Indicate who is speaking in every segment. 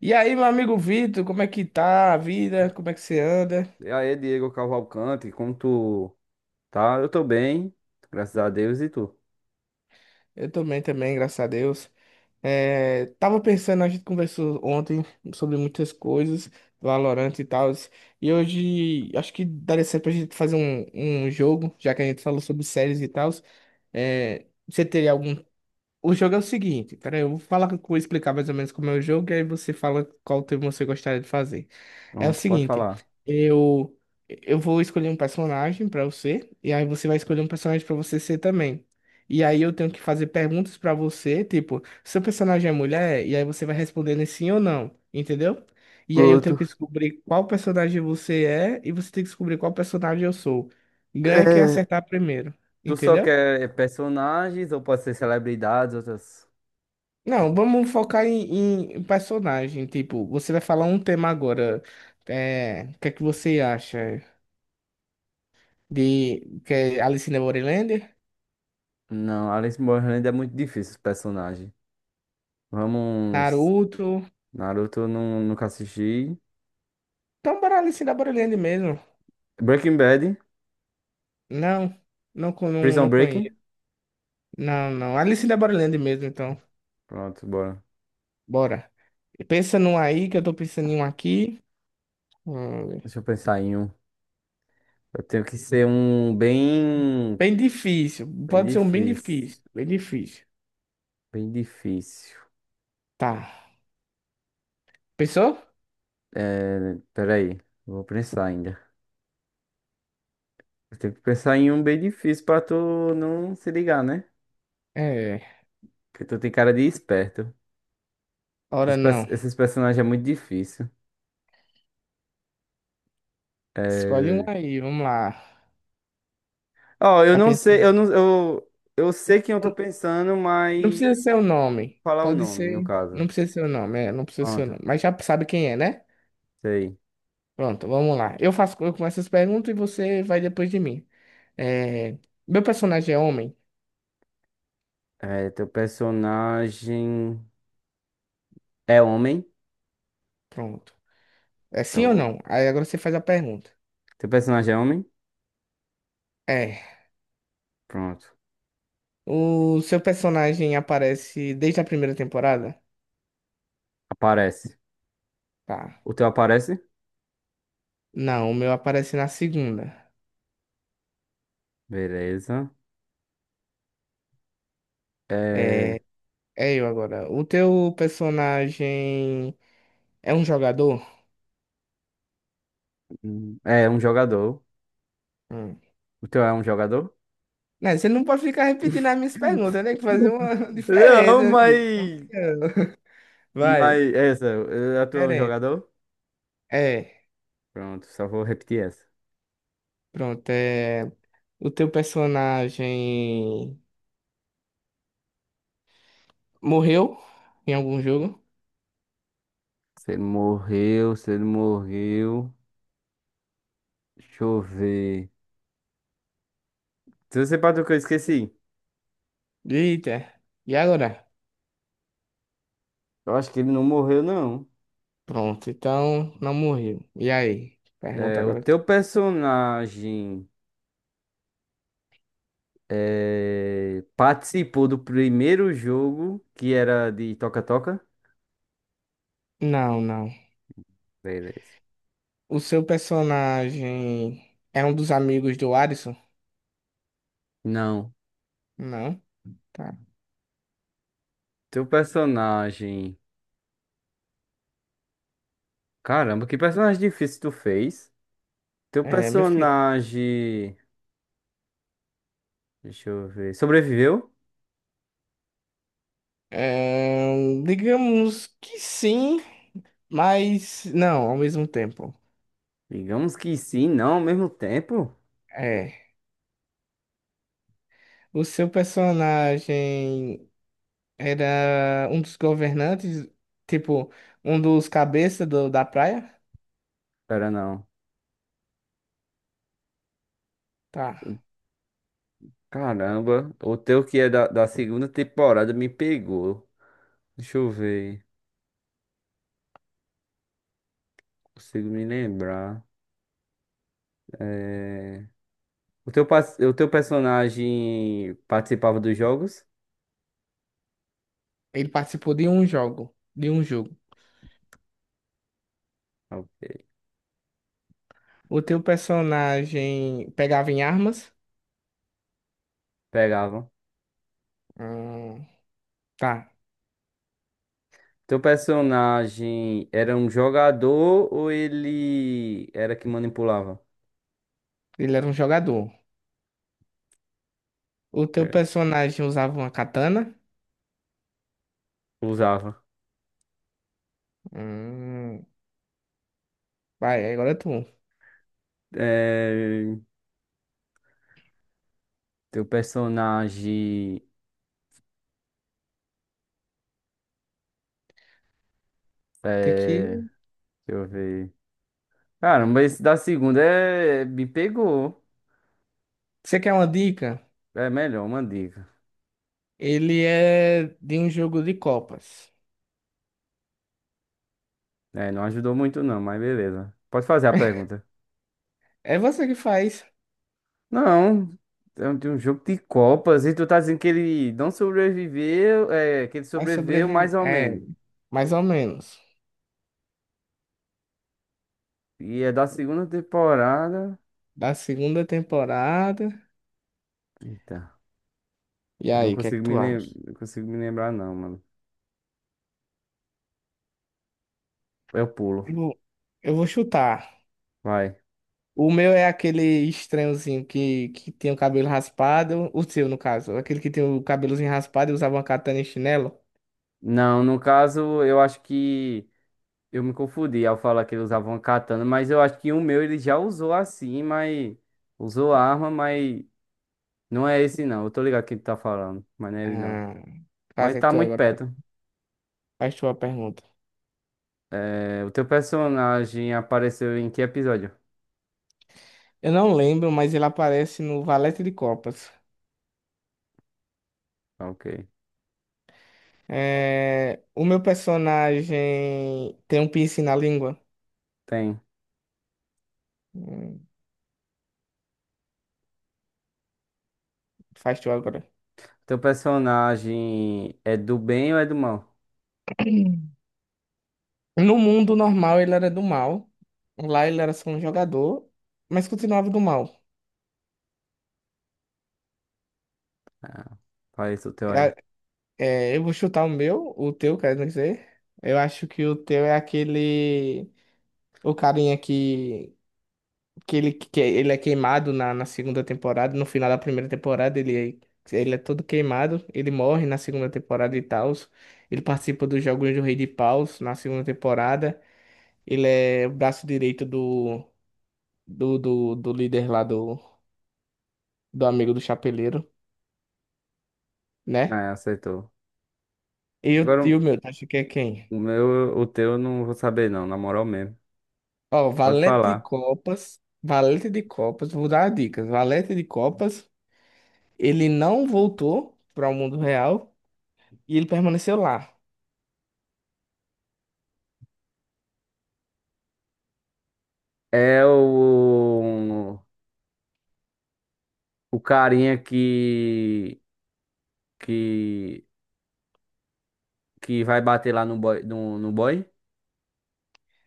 Speaker 1: E aí, meu amigo Vitor, como é que tá a vida? Como é que você anda?
Speaker 2: E aí, Diego Cavalcante, como tu tá? Eu tô bem, graças a Deus, e tu?
Speaker 1: Eu também, também, graças a Deus. É, tava pensando, a gente conversou ontem sobre muitas coisas, Valorant e tal, e hoje acho que daria certo pra gente fazer um jogo, já que a gente falou sobre séries e tal. É, você teria algum... O jogo é o seguinte, peraí, eu vou falar, vou explicar mais ou menos como é o jogo, e aí você fala qual tema você gostaria de fazer. É o
Speaker 2: Pronto, pode
Speaker 1: seguinte,
Speaker 2: falar.
Speaker 1: eu eu vou escolher um personagem pra você, e aí você vai escolher um personagem pra você ser também. E aí eu tenho que fazer perguntas pra você, tipo, seu personagem é mulher? E aí você vai respondendo em sim ou não, entendeu? E aí eu tenho
Speaker 2: Pronto.
Speaker 1: que descobrir qual personagem você é, e você tem que descobrir qual personagem eu sou. Ganha quem
Speaker 2: É,
Speaker 1: acertar primeiro,
Speaker 2: tu só
Speaker 1: entendeu?
Speaker 2: quer personagens ou pode ser celebridades, outras?
Speaker 1: Não, vamos focar em personagem. Tipo, você vai falar um tema agora. É, o que é que você acha de que é Alice in the Borderland?
Speaker 2: Não, Alice Borland é muito difícil, esse personagem. Vamos.
Speaker 1: Naruto?
Speaker 2: Naruto, não, nunca assisti.
Speaker 1: Então, bora Alice in the Borderland mesmo.
Speaker 2: Breaking Bad,
Speaker 1: Não, não, não, não
Speaker 2: Prison Break.
Speaker 1: conheço. Não, não. Alice in the Borderland mesmo, então.
Speaker 2: Pronto, bora.
Speaker 1: Bora. Pensa num aí, que eu tô pensando em um aqui. Hum.
Speaker 2: Deixa eu pensar em um. Eu tenho que ser um bem.
Speaker 1: Bem difícil.
Speaker 2: Bem
Speaker 1: Pode ser um bem
Speaker 2: difícil.
Speaker 1: difícil. Bem difícil.
Speaker 2: Bem difícil.
Speaker 1: Tá. Pensou?
Speaker 2: É, peraí, vou pensar ainda. Tem que pensar em um bem difícil pra tu não se ligar, né?
Speaker 1: É.
Speaker 2: Porque tu tem cara de esperto. Esses,
Speaker 1: Ora
Speaker 2: pers-
Speaker 1: não.
Speaker 2: esses personagens é muito difícil.
Speaker 1: Escolhe um
Speaker 2: É...
Speaker 1: aí, vamos lá.
Speaker 2: Ó, eu
Speaker 1: Já
Speaker 2: não sei,
Speaker 1: pensou?
Speaker 2: eu não, eu sei quem eu tô pensando,
Speaker 1: Não
Speaker 2: mas
Speaker 1: precisa ser o nome.
Speaker 2: falar o
Speaker 1: Pode
Speaker 2: nome, no
Speaker 1: ser. Não
Speaker 2: caso.
Speaker 1: precisa ser o nome, é, não precisa ser o
Speaker 2: Pronto,
Speaker 1: nome. Mas já sabe quem é, né?
Speaker 2: sei.
Speaker 1: Pronto, vamos lá. Eu faço, eu começo as perguntas e você vai depois de mim. É, meu personagem é homem?
Speaker 2: É, teu personagem é homem?
Speaker 1: Pronto. É
Speaker 2: Eu
Speaker 1: sim ou
Speaker 2: vou-
Speaker 1: não? Aí agora você faz a pergunta.
Speaker 2: Teu personagem é homem?
Speaker 1: É.
Speaker 2: Pronto.
Speaker 1: O seu personagem aparece desde a primeira temporada?
Speaker 2: Aparece.
Speaker 1: Tá.
Speaker 2: O teu aparece?
Speaker 1: Não, o meu aparece na segunda.
Speaker 2: Beleza. É,
Speaker 1: É, é eu agora. O teu personagem é um jogador?
Speaker 2: é um jogador.
Speaker 1: Hum.
Speaker 2: O teu é um jogador?
Speaker 1: Não, você não pode ficar repetindo as minhas perguntas, tem que fazer uma
Speaker 2: Não,
Speaker 1: diferença, meu filho. Campeão. Vai,
Speaker 2: mas é essa, eu atuo um
Speaker 1: diferente.
Speaker 2: jogador?
Speaker 1: É,
Speaker 2: Pronto, só vou repetir essa.
Speaker 1: pronto. É... O teu personagem morreu em algum jogo?
Speaker 2: Se ele morreu, se ele morreu. Deixa eu ver. Se você para do que eu esqueci.
Speaker 1: Eita, e agora?
Speaker 2: Eu acho que ele não morreu, não.
Speaker 1: Pronto, então não morreu. E aí? Pergunta
Speaker 2: É, o
Speaker 1: agora, tu.
Speaker 2: teu personagem participou do primeiro jogo que era de toca-toca?
Speaker 1: Não, não.
Speaker 2: Beleza.
Speaker 1: O seu personagem é um dos amigos do Alisson?
Speaker 2: Não.
Speaker 1: Não, tá.
Speaker 2: Teu personagem. Caramba, que personagem difícil tu fez? Teu
Speaker 1: É, meu filho.
Speaker 2: personagem. Deixa eu ver. Sobreviveu?
Speaker 1: É, digamos que sim. Mas não, ao mesmo tempo.
Speaker 2: Digamos que sim, não ao mesmo tempo.
Speaker 1: É. O seu personagem era um dos governantes, tipo, um dos cabeças da praia?
Speaker 2: Pera, não.
Speaker 1: Tá.
Speaker 2: Caramba, o teu que é da segunda temporada me pegou. Deixa eu ver, consigo me lembrar. O teu personagem participava dos jogos?
Speaker 1: Ele participou de um jogo, de um jogo.
Speaker 2: Eu
Speaker 1: O teu personagem pegava em armas?
Speaker 2: Pegava.
Speaker 1: Hum, tá.
Speaker 2: Teu personagem era um jogador ou ele era que manipulava?
Speaker 1: Ele era um jogador. O teu
Speaker 2: É,
Speaker 1: personagem usava uma katana?
Speaker 2: usava.
Speaker 1: Hum, vai, agora é tu.
Speaker 2: É, teu personagem.
Speaker 1: Tem
Speaker 2: É,
Speaker 1: que...
Speaker 2: deixa eu ver. Caramba, esse da segunda me pegou.
Speaker 1: Você quer uma dica?
Speaker 2: É melhor, uma dica.
Speaker 1: Ele é de um jogo de copas.
Speaker 2: É, não ajudou muito não, mas beleza. Pode fazer a pergunta.
Speaker 1: É você que faz,
Speaker 2: Não, é um de um jogo de Copas e tu tá dizendo que ele não sobreviveu, que ele
Speaker 1: mas
Speaker 2: sobreviveu mais
Speaker 1: sobrevive.
Speaker 2: ou
Speaker 1: É,
Speaker 2: menos.
Speaker 1: mais ou menos.
Speaker 2: E é da segunda temporada.
Speaker 1: Da segunda temporada.
Speaker 2: Eita,
Speaker 1: E
Speaker 2: eu não
Speaker 1: aí, o que é que
Speaker 2: consigo me,
Speaker 1: tu
Speaker 2: lem...
Speaker 1: acha?
Speaker 2: não consigo me lembrar não, mano. Eu pulo,
Speaker 1: Eu vou eu vou chutar.
Speaker 2: vai.
Speaker 1: O meu é aquele estranhozinho que tem o cabelo raspado. O seu, no caso. Aquele que tem o cabelozinho raspado e usava uma katana e chinelo.
Speaker 2: Não, no caso, eu acho que. Eu me confundi ao falar que ele usava uma katana, mas eu acho que o meu ele já usou assim, mas usou a arma, mas não é esse não. Eu tô ligado quem tu tá falando, mas não é ele não.
Speaker 1: Ah,
Speaker 2: Mas
Speaker 1: fazer
Speaker 2: tá
Speaker 1: tu
Speaker 2: muito
Speaker 1: agora.
Speaker 2: perto.
Speaker 1: Faz tua pergunta.
Speaker 2: É, o teu personagem apareceu em que episódio?
Speaker 1: Eu não lembro, mas ele aparece no Valete de Copas.
Speaker 2: Ok.
Speaker 1: É, o meu personagem tem um piercing na língua.
Speaker 2: Tem. O
Speaker 1: Hum. Faz tu agora.
Speaker 2: teu personagem é do bem ou é do mal?
Speaker 1: No mundo normal ele era do mal. Lá ele era só um jogador, mas continuava do mal.
Speaker 2: Fala isso o teu aí.
Speaker 1: É, é, eu vou chutar o meu, o teu, quer dizer. Eu acho que o teu é aquele. O carinha que... que ele é queimado na segunda temporada. No final da primeira temporada, ele é todo queimado. Ele morre na segunda temporada e tal. Ele participa dos Jogos do Rei de Paus na segunda temporada. Ele é o braço direito do líder lá, do amigo do chapeleiro, né?
Speaker 2: Ah, acertou.
Speaker 1: E o
Speaker 2: Agora
Speaker 1: tio meu, tu acha que é quem?
Speaker 2: o meu, o teu eu não vou saber não, na moral mesmo.
Speaker 1: Ó,
Speaker 2: Pode falar.
Speaker 1: valete de copas, vou dar dicas. Valete de copas, ele não voltou para o mundo real e ele permaneceu lá.
Speaker 2: É o carinha que que que vai bater lá no boy, no boy?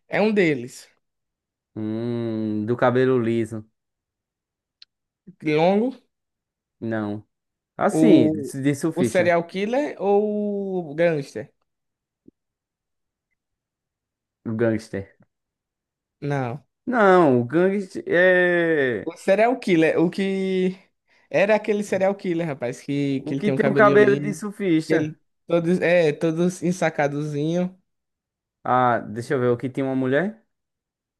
Speaker 1: É um deles.
Speaker 2: Do cabelo liso.
Speaker 1: Longo,
Speaker 2: Não. Assim,
Speaker 1: o,
Speaker 2: de
Speaker 1: o
Speaker 2: surfista,
Speaker 1: serial killer ou o gangster?
Speaker 2: o gangster.
Speaker 1: Não.
Speaker 2: Não, o gangster é
Speaker 1: O serial killer, o que era aquele serial killer, rapaz,
Speaker 2: o
Speaker 1: que ele
Speaker 2: que
Speaker 1: tem um
Speaker 2: tem o
Speaker 1: cabelinho
Speaker 2: cabelo de
Speaker 1: ali, que
Speaker 2: surfista.
Speaker 1: ele todos é todos ensacadozinho.
Speaker 2: Ah, deixa eu ver, o que tem uma mulher?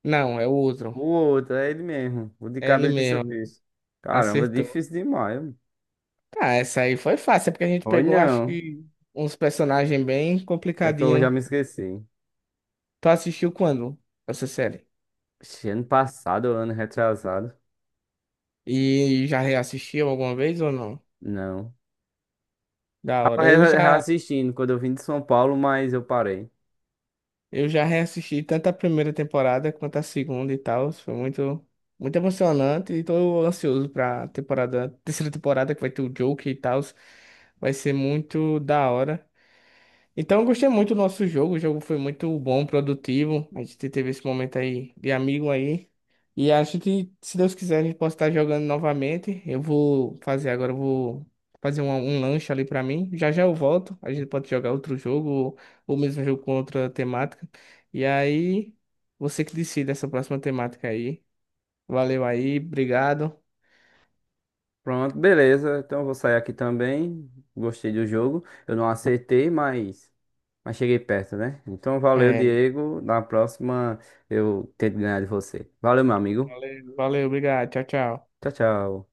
Speaker 1: Não, é o outro.
Speaker 2: O outro, é ele mesmo, o de
Speaker 1: É ele
Speaker 2: cabelo de
Speaker 1: mesmo,
Speaker 2: surfista. Caramba,
Speaker 1: acertou.
Speaker 2: difícil demais, mano.
Speaker 1: Tá, essa aí foi fácil, é porque a gente
Speaker 2: Foi
Speaker 1: pegou, acho
Speaker 2: não.
Speaker 1: que, uns personagens bem
Speaker 2: É que eu já
Speaker 1: complicadinhos.
Speaker 2: me esqueci.
Speaker 1: Tu assistiu quando essa série?
Speaker 2: Ixi, ano passado, ano retrasado.
Speaker 1: E já reassistiu alguma vez ou não?
Speaker 2: Não.
Speaker 1: Da
Speaker 2: Tava
Speaker 1: hora.
Speaker 2: re- reassistindo quando eu vim de São Paulo, mas eu parei.
Speaker 1: Eu já reassisti tanto a primeira temporada quanto a segunda e tal. Foi muito, muito emocionante e tô ansioso pra temporada, terceira temporada que vai ter o Joker e tal. Vai ser muito da hora. Então, eu gostei muito do nosso jogo. O jogo foi muito bom, produtivo. A gente teve esse momento aí de amigo aí. E acho que se Deus quiser, a gente pode estar jogando novamente. Eu vou fazer um lanche ali pra mim. Já já eu volto. A gente pode jogar outro jogo ou mesmo jogo com outra temática. E aí, você que decide essa próxima temática aí. Valeu aí, obrigado.
Speaker 2: Pronto, beleza. Então eu vou sair aqui também. Gostei do jogo. Eu não acertei, mas, cheguei perto, né? Então valeu,
Speaker 1: É,
Speaker 2: Diego. Na próxima eu tento ganhar de você. Valeu, meu amigo.
Speaker 1: valeu, valeu, obrigado. Tchau, tchau.
Speaker 2: Tchau, tchau.